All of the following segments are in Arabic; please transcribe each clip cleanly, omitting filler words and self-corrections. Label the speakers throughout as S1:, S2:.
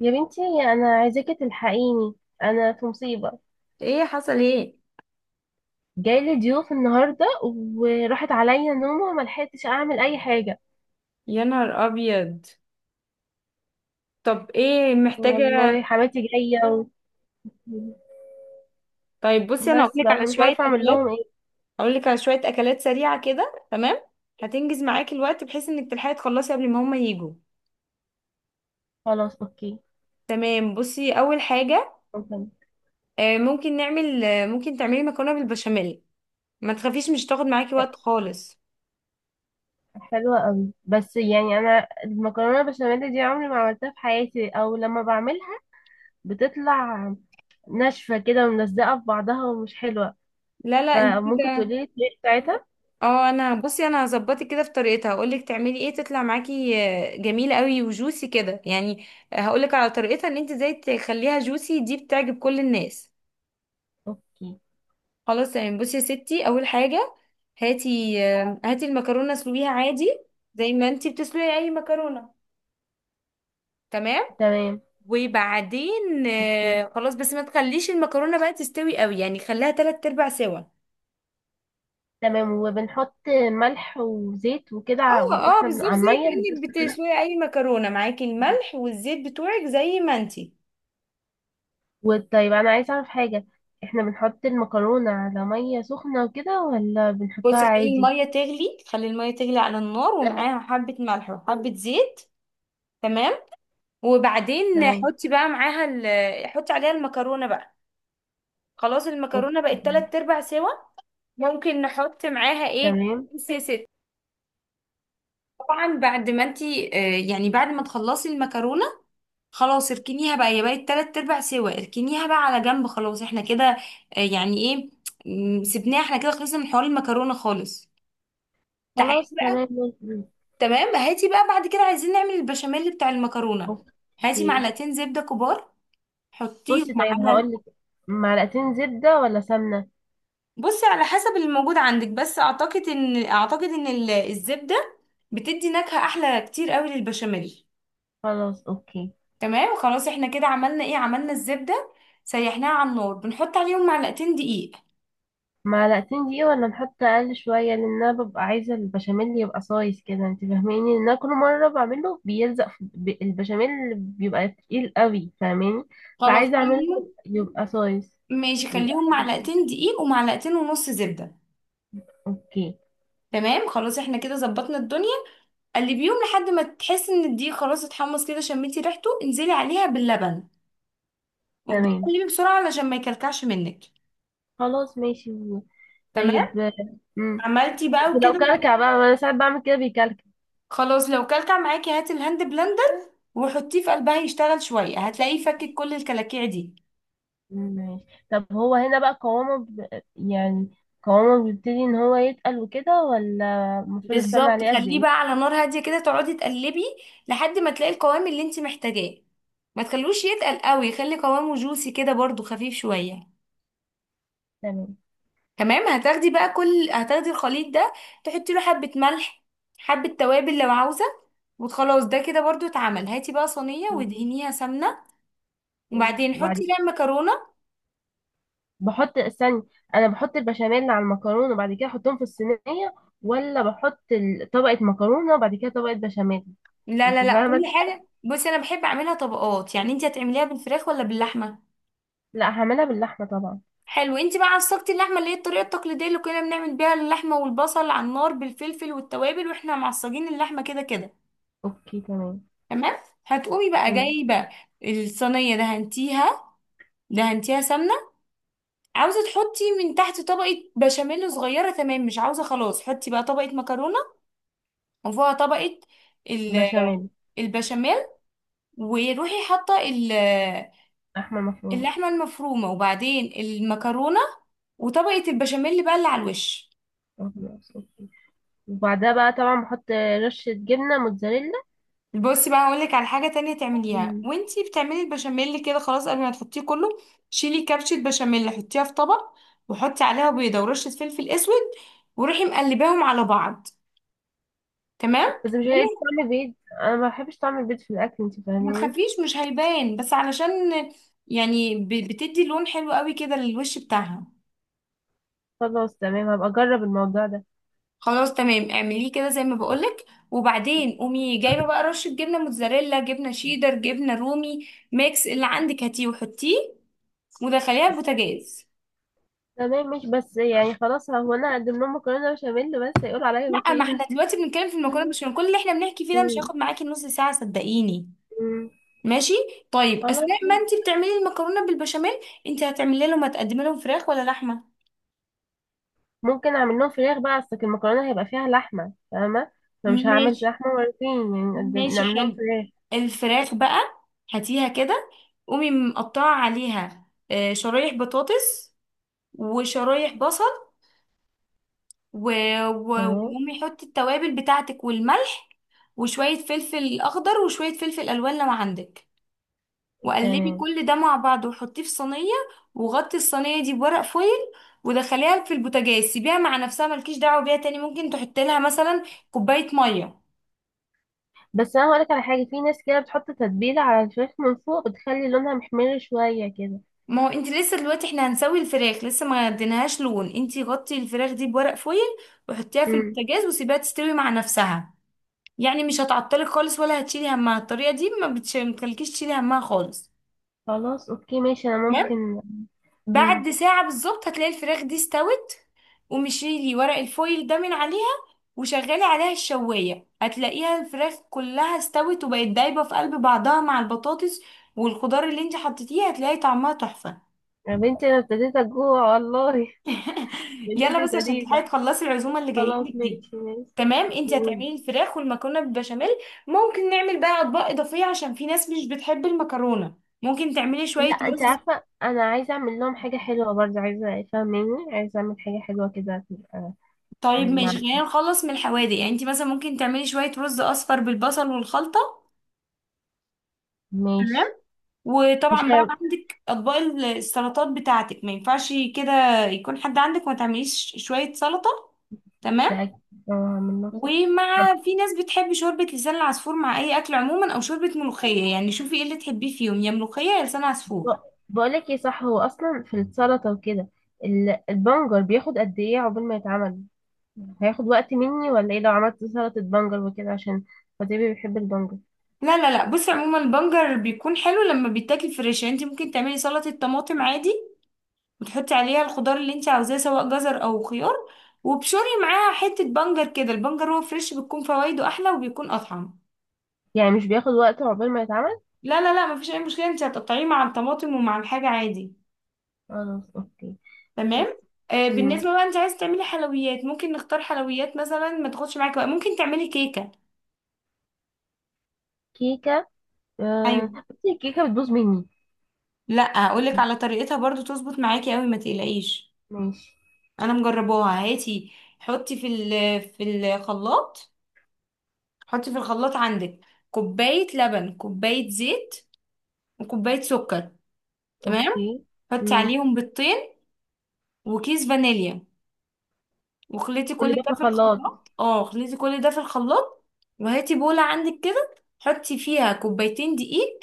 S1: يا بنتي، انا عايزاكي تلحقيني. انا في مصيبه.
S2: ايه حصل ايه؟
S1: جايلي ضيوف النهارده وراحت عليا نومه وما لحقتش اعمل اي حاجه.
S2: يا نهار ابيض. طب ايه محتاجه؟
S1: والله حماتي جايه.
S2: طيب بصي، انا
S1: بس
S2: هقولك
S1: بقى
S2: على
S1: فمش
S2: شويه
S1: عارفه اعمل
S2: اكلات.
S1: لهم ايه.
S2: هقولك على شويه اكلات سريعه كده، تمام. هتنجز معاكي الوقت بحيث انك تلحقي تخلصي قبل ما هما يجوا.
S1: خلاص اوكي.
S2: تمام بصي، اول حاجه
S1: ممكن؟
S2: ممكن نعمل، ممكن تعملي مكرونه بالبشاميل. ما تخافيش، مش تاخد معاكي وقت خالص.
S1: حلوه قوي، بس يعني انا المكرونه البشاميل دي عمري ما عملتها في حياتي، او لما بعملها بتطلع ناشفه كده وملزقه في بعضها ومش حلوه.
S2: لا لا، انت
S1: فممكن تقولي
S2: كده
S1: لي الطريقه بتاعتها.
S2: اه انا بصي، هظبطك كده في طريقتها. هقولك تعملي ايه تطلع معاكي جميله قوي وجوسي كده، يعني هقولك على طريقتها ان انت ازاي تخليها جوسي. دي بتعجب كل الناس.
S1: اوكي.
S2: خلاص يعني، بصي يا ستي، اول حاجه هاتي هاتي المكرونه، اسلقيها عادي زي ما انت بتسلقي اي مكرونه، تمام.
S1: تمام.
S2: وبعدين
S1: اوكي.
S2: خلاص بس ما تخليش المكرونه بقى تستوي قوي، يعني خليها تلات ارباع سوا.
S1: تمام وبنحط ملح وزيت وكده
S2: اه اه،
S1: واحنا
S2: بالظبط
S1: على
S2: زي
S1: المية اللي
S2: كأنك
S1: بتسخن.
S2: بتسلقي اي مكرونه، معاكي الملح والزيت بتوعك زي ما انت.
S1: وطيب، انا عايزة اعرف حاجة. احنا بنحط المكرونة على مية سخنة وكده، ولا بنحطها
S2: بصي خلي
S1: عادي؟
S2: الميه تغلي، خلي الميه تغلي على النار ومعاها حبه ملح وحبه زيت، تمام. وبعدين
S1: تمام.
S2: حطي بقى معاها حطي عليها المكرونه بقى. خلاص المكرونه
S1: اوكي.
S2: بقت تلات ارباع سوا. ممكن نحط معاها ايه؟
S1: تمام.
S2: بصي يا ست، طبعا بعد ما انتي يعني بعد ما تخلصي المكرونه خلاص، اركنيها بقى، هي بقت تلات ارباع سوا، اركنيها بقى على جنب، خلاص احنا كده يعني ايه، سيبناها. احنا كده خلصنا من حوار المكرونه خالص. تعالي.
S1: خلاص. تمام.
S2: تمام، هاتي بقى بعد كده، عايزين نعمل البشاميل بتاع المكرونة. هاتي
S1: اوكي.
S2: معلقتين زبدة كبار، حطيهم
S1: بصي طيب
S2: على
S1: هقولك: معلقتين زبدة ولا سمنة؟
S2: بصي على حسب اللي موجود عندك، بس اعتقد ان الزبدة بتدي نكهة احلى كتير قوي للبشاميل.
S1: خلاص اوكي.
S2: تمام خلاص، احنا كده عملنا ايه؟ عملنا الزبدة، سيحناها على النار، بنحط عليهم معلقتين دقيق.
S1: معلقتين دي ولا نحط اقل شويه؟ لان انا ببقى عايزه البشاميل يبقى صايص كده، انت فاهماني؟ ان انا كل مره بعمله بيلزق في البشاميل، بيبقى تقيل قوي، فاهماني؟
S2: خلاص
S1: فعايزه اعمله
S2: خليهم.
S1: يبقى صايص،
S2: ماشي،
S1: يبقى
S2: خليهم
S1: حلو.
S2: معلقتين دقيق ومعلقتين ونص زبدة.
S1: اوكي.
S2: تمام خلاص، احنا كده ظبطنا الدنيا. قلبيهم لحد ما تحس ان الدقيق خلاص اتحمص كده، شميتي ريحته، انزلي عليها باللبن وابدأي
S1: تمام.
S2: قلبي بسرعة علشان ما يكلكعش منك.
S1: خلاص ماشي.
S2: تمام.
S1: طيب. امم
S2: عملتي بقى
S1: بس لو
S2: وكده،
S1: كلكع بقى، ما انا ساعات بعمل كده بيكلكع.
S2: خلاص. لو كلكع معاكي، هاتي الهاند بلندر وحطيه في قلبها يشتغل شوية، هتلاقيه فكك كل الكلاكيع دي.
S1: ماشي. طب هو هنا بقى قوامه يعني قوامه بيبتدي ان هو يتقل وكده، ولا المفروض استنى
S2: بالظبط،
S1: عليه قد
S2: خليه
S1: ايه؟
S2: بقى على نار هادية كده، تقعدي تقلبي لحد ما تلاقي القوام اللي انت محتاجاه. ما تخلوش يتقل قوي، خلي قوامه جوسي كده برضو، خفيف شوية. تمام، هتاخدي بقى كل، هتاخدي الخليط ده، تحطي له حبة ملح، حبة توابل لو عاوزة. وخلاص ده كده برضو اتعمل. هاتي بقى صينية
S1: تمام.
S2: وادهنيها سمنة،
S1: مم.
S2: وبعدين
S1: وبعد
S2: حطي
S1: كده
S2: فيها المكرونة.
S1: استني، انا بحط البشاميل على المكرونه وبعد كده احطهم في الصينيه، ولا بحط طبقه مكرونه وبعد كده طبقه بشاميل؟
S2: لا لا
S1: انت
S2: لا، كل
S1: فاهمه؟
S2: حاجة بصي انا بحب اعملها طبقات. يعني انت هتعمليها بالفراخ ولا باللحمة؟
S1: لا، هعملها باللحمه طبعا.
S2: حلو. انت بقى عصقتي اللحمة، اللي هي الطريقة التقليدية اللي كنا بنعمل بيها اللحمة والبصل على النار بالفلفل والتوابل، واحنا معصجين اللحمة كده كده.
S1: اوكي تمام.
S2: تمام. هتقومي بقى
S1: تمام.
S2: جايبة الصينية، دهنتيها، دهنتيها سمنة، عاوزة تحطي من تحت طبقة بشاميل صغيرة. تمام، مش عاوزة، خلاص حطي بقى طبقة مكرونة، وفوقها طبقة ال-
S1: بشاميل.
S2: البشاميل. وروحي حاطة
S1: لحمه مفرومه.
S2: اللحمة المفرومة، وبعدين المكرونة، وطبقة البشاميل بقى اللي على الوش.
S1: آه، خلاص اوكي. وبعدها بقى طبعا بحط رشه جبنه موتزاريلا.
S2: بصي بقى، هقولك على حاجة تانية تعمليها
S1: مم.
S2: وانتي بتعملي البشاميل كده. خلاص قبل ما تحطيه كله، شيلي كبشة بشاميل، حطيها في طبق، وحطي عليها بيضة ورشة فلفل اسود، وروحي مقلباهم على بعض. تمام.
S1: بس مش هيبقى طعم بيض؟ انا ما بحبش طعم البيض في الاكل، انت
S2: ما
S1: فاهمه؟
S2: تخافيش، مش هيبان، بس علشان يعني بتدي لون حلو قوي كده للوش بتاعها.
S1: خلاص تمام، هبقى اجرب الموضوع ده.
S2: خلاص تمام، اعمليه كده زي ما بقولك. وبعدين قومي جايبه بقى رشه جبنه موتزاريلا، جبنه شيدر، جبنه رومي، ميكس اللي عندك هاتيه وحطيه، ودخليها البوتاجاز.
S1: تمام، مش بس يعني خلاص هو انا هقدم لهم مكرونه بشاميل بس، يقولوا عليا
S2: لا، ما
S1: بخيله؟
S2: احنا دلوقتي بنتكلم في المكرونه
S1: فاهمة؟
S2: بشاميل. كل اللي احنا بنحكي فيه ده مش
S1: مم.
S2: هياخد معاكي نص ساعه، صدقيني.
S1: مم.
S2: ماشي. طيب،
S1: خلاص
S2: اثناء ما انت
S1: ماشي.
S2: بتعملي المكرونه بالبشاميل، انت هتعملي لهم، هتقدمي لهم فراخ ولا لحمه؟
S1: ممكن اعمل لهم فراخ بقى، اصل المكرونه هيبقى فيها لحمه، فاهمه؟ فمش هعمل
S2: ماشي
S1: لحمه مرتين يعني، نقدم
S2: ماشي،
S1: نعمل لهم
S2: حلو.
S1: فراخ.
S2: الفراخ بقى هاتيها كده، قومي مقطعة عليها شرايح بطاطس وشرايح بصل،
S1: تمام.
S2: وقومي حطي التوابل بتاعتك والملح وشوية فلفل أخضر وشوية فلفل ألوان لو عندك، وقلبي
S1: تمام.
S2: كل ده مع بعض وحطيه في صينية، وغطي الصينية دي بورق فويل، ودخليها في البوتاجاز. سيبيها مع نفسها، ملكيش دعوة بيها تاني. ممكن تحطي لها مثلا كوباية مية.
S1: بس انا هقولك على حاجه، في ناس كده بتحط تتبيله على الفراخ من فوق، بتخلي لونها محمر شويه كده.
S2: ما هو انت لسه، دلوقتي احنا هنسوي الفراخ، لسه ما اديناهاش لون. انت غطي الفراخ دي بورق فويل وحطيها في
S1: مم.
S2: البوتاجاز وسيبيها تستوي مع نفسها. يعني مش هتعطلك خالص ولا هتشيلي همها. الطريقة دي ما بتخليكيش تشيلي همها خالص.
S1: خلاص اوكي ماشي، انا
S2: تمام.
S1: ممكن. مم.
S2: بعد ساعة بالظبط هتلاقي الفراخ دي استوت، ومشيلي ورق الفويل ده من عليها، وشغلي عليها الشواية. هتلاقيها الفراخ كلها استوت وبقت دايبة في قلب بعضها مع البطاطس، والخضار اللي انت حطيتيه هتلاقي طعمها تحفة.
S1: يا بنتي، انا ابتديت اجوع والله. اللي انت
S2: يلا بس عشان
S1: ابتديت!
S2: تلحقي تخلصي العزومه اللي جايه
S1: خلاص
S2: لك دي.
S1: ماشي، ماشي
S2: تمام، انت
S1: و...
S2: هتعملي الفراخ والمكرونه بالبشاميل. ممكن نعمل بقى اطباق اضافيه، عشان في ناس مش بتحب المكرونه، ممكن تعملي
S1: لا،
S2: شويه
S1: انت
S2: رز.
S1: عارفة انا عايزة اعمل لهم حاجة حلوة برضه، عايزة، فاهماني؟ عايزة اعمل حاجة حلوة كده.
S2: طيب ماشي،
S1: مع-
S2: خلينا نخلص من الحوادق. يعني انت مثلا ممكن تعملي شويه رز اصفر بالبصل والخلطه.
S1: ماشي. مش
S2: وطبعا بقى
S1: عارف-
S2: عندك اطباق السلطات بتاعتك، ما ينفعش كده يكون حد عندك وما تعمليش شويه سلطه. تمام.
S1: ده- آه، من نفسي.
S2: ومع، في ناس بتحب شوربة لسان العصفور مع أي أكل عموما، أو شوربة ملوخية. يعني شوفي ايه اللي تحبيه فيهم، يا ملوخية يا لسان عصفور.
S1: ب- بقولك ايه، صح هو اصلا في السلطة وكده، البنجر بياخد قد ايه عقبال ما يتعمل؟ هياخد وقت مني ولا ايه، لو عملت سلطة بنجر وكده عشان خطيبي بيحب البنجر؟
S2: لا لا لا، بصي عموما البنجر بيكون حلو لما بيتاكل فريش. يعني انت ممكن تعملي سلطة طماطم عادي، وتحطي عليها الخضار اللي انت عاوزاه، سواء جزر أو خيار، وبشوري معاها حتة بنجر كده. البنجر هو فريش، بتكون فوائده أحلى وبيكون أطعم.
S1: يعني مش بياخد وقت عقبال ما يتعمل؟
S2: لا لا لا، مفيش أي مشكلة، انت هتقطعيه مع الطماطم ومع الحاجة عادي.
S1: خلاص اوكي. بس.
S2: تمام. آه
S1: مم.
S2: بالنسبة بقى، انت عايز تعملي حلويات؟ ممكن نختار حلويات مثلا ما تاخدش معاكي بقى. ممكن تعملي كيكة.
S1: كيكة. آه،
S2: ايوه.
S1: بس الكيكة بتبوظ مني.
S2: لا هقولك على طريقتها برضو، تظبط معاكي قوي ما تقلقيش.
S1: ماشي.
S2: انا مجرباها. هاتي، حطي في ال في الخلاط، حطي في الخلاط عندك كوباية لبن، كوباية زيت، وكوباية سكر. تمام.
S1: اوكي.
S2: حطي
S1: مم.
S2: عليهم بيضتين وكيس فانيليا، وخليتي
S1: كل
S2: كل
S1: ده
S2: ده
S1: في
S2: في
S1: الخلاط.
S2: الخلاط. اه خليتي كل ده في الخلاط. وهاتي بولة عندك كده، حطي فيها كوبايتين دقيق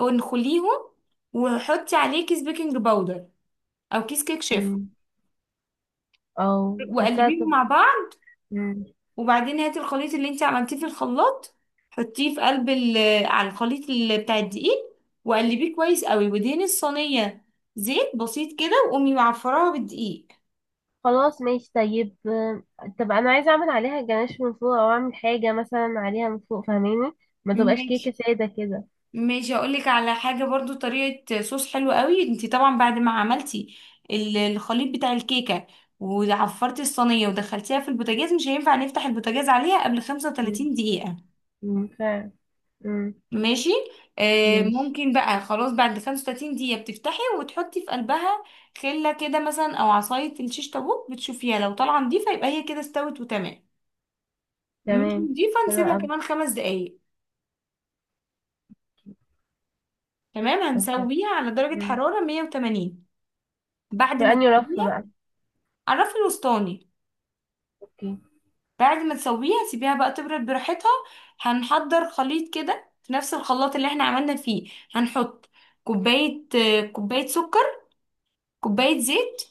S2: وانخليهم، وحطي عليه كيس بيكنج باودر او كيس كيك شيف،
S1: مم. او حاساها
S2: وقلبيهم مع بعض.
S1: مم.
S2: وبعدين هاتي الخليط اللي انت عملتيه في الخلاط، حطيه في قلب على الخليط بتاع الدقيق، وقلبيه كويس قوي، ودهني الصينية زيت بسيط كده، وقومي معفراها بالدقيق.
S1: خلاص ماشي طيب، طب انا عايزة اعمل عليها جناش من فوق، او اعمل حاجة مثلا عليها من فوق، فاهماني؟ ما تبقاش كيكة
S2: ماشي
S1: سادة كده.
S2: ماشي، اقول لك على حاجه برضو، طريقه صوص حلو قوي. انت طبعا بعد ما عملتي الخليط بتاع الكيكه، وعفرتي الصينيه ودخلتيها في البوتاجاز، مش هينفع نفتح البوتاجاز عليها قبل
S1: مم.
S2: 35 دقيقه.
S1: مم. فعلا. مم.
S2: ماشي. آه
S1: ماشي.
S2: ممكن بقى، خلاص بعد 35 دقيقه بتفتحي وتحطي في قلبها خله كده مثلا او عصايه الشيش طاووق، بتشوفيها لو طالعه نضيفه يبقى هي كده استوت وتمام. مش
S1: تمام.
S2: نضيفه،
S1: حلو
S2: نسيبها
S1: اوي.
S2: كمان خمس دقايق. تمام.
S1: قدام.
S2: هنسويها على درجه
S1: مم.
S2: حراره 180. بعد
S1: في
S2: ما
S1: انهي رف
S2: تسويها،
S1: بقى؟
S2: عرفي الوسطاني.
S1: اوكي.
S2: بعد ما تسويها سيبيها بقى تبرد براحتها. هنحضر خليط كده في نفس الخلاط اللي احنا عملنا فيه. هنحط كوباية كوباية سكر، كوباية زيت،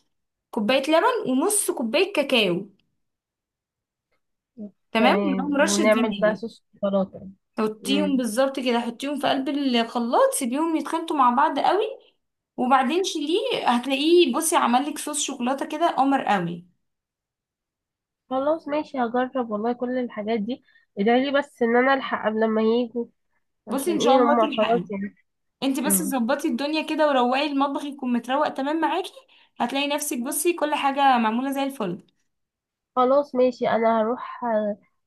S2: كوباية لبن، ونص كوباية كاكاو. تمام، ومعاهم
S1: تمام
S2: رشة
S1: ونعمل بقى
S2: فانيليا.
S1: صوص شوكولاتة.
S2: حطيهم
S1: مم.
S2: بالظبط كده، حطيهم في قلب الخلاط، سيبيهم يتخلطوا مع بعض قوي، وبعدين شيليه. هتلاقيه، بصي، عمل لك صوص شوكولاتة كده قمر قوي.
S1: خلاص ماشي، هجرب والله كل الحاجات دي. ادعي لي بس ان انا الحق قبل ما يجوا،
S2: بصي ان
S1: عشان
S2: شاء
S1: ايه
S2: الله
S1: هما
S2: تلحقي.
S1: خلاص يعني.
S2: انت بس
S1: مم.
S2: ظبطي الدنيا كده، وروقي المطبخ يكون متروق تمام معاكي. هتلاقي نفسك، بصي، كل حاجة معمولة زي الفل.
S1: خلاص ماشي، انا هروح.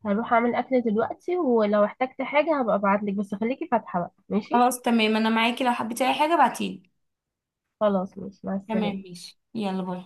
S1: هروح اعمل اكل دلوقتي، ولو احتجت حاجة هبقى ابعتلك، بس خليكي فاتحة بقى، ماشي؟
S2: خلاص تمام، انا معاكي لو حبيتي اي حاجة بعتيلي.
S1: خلاص ماشي، مع
S2: تمام
S1: السلامة.
S2: ماشي، يلا باي.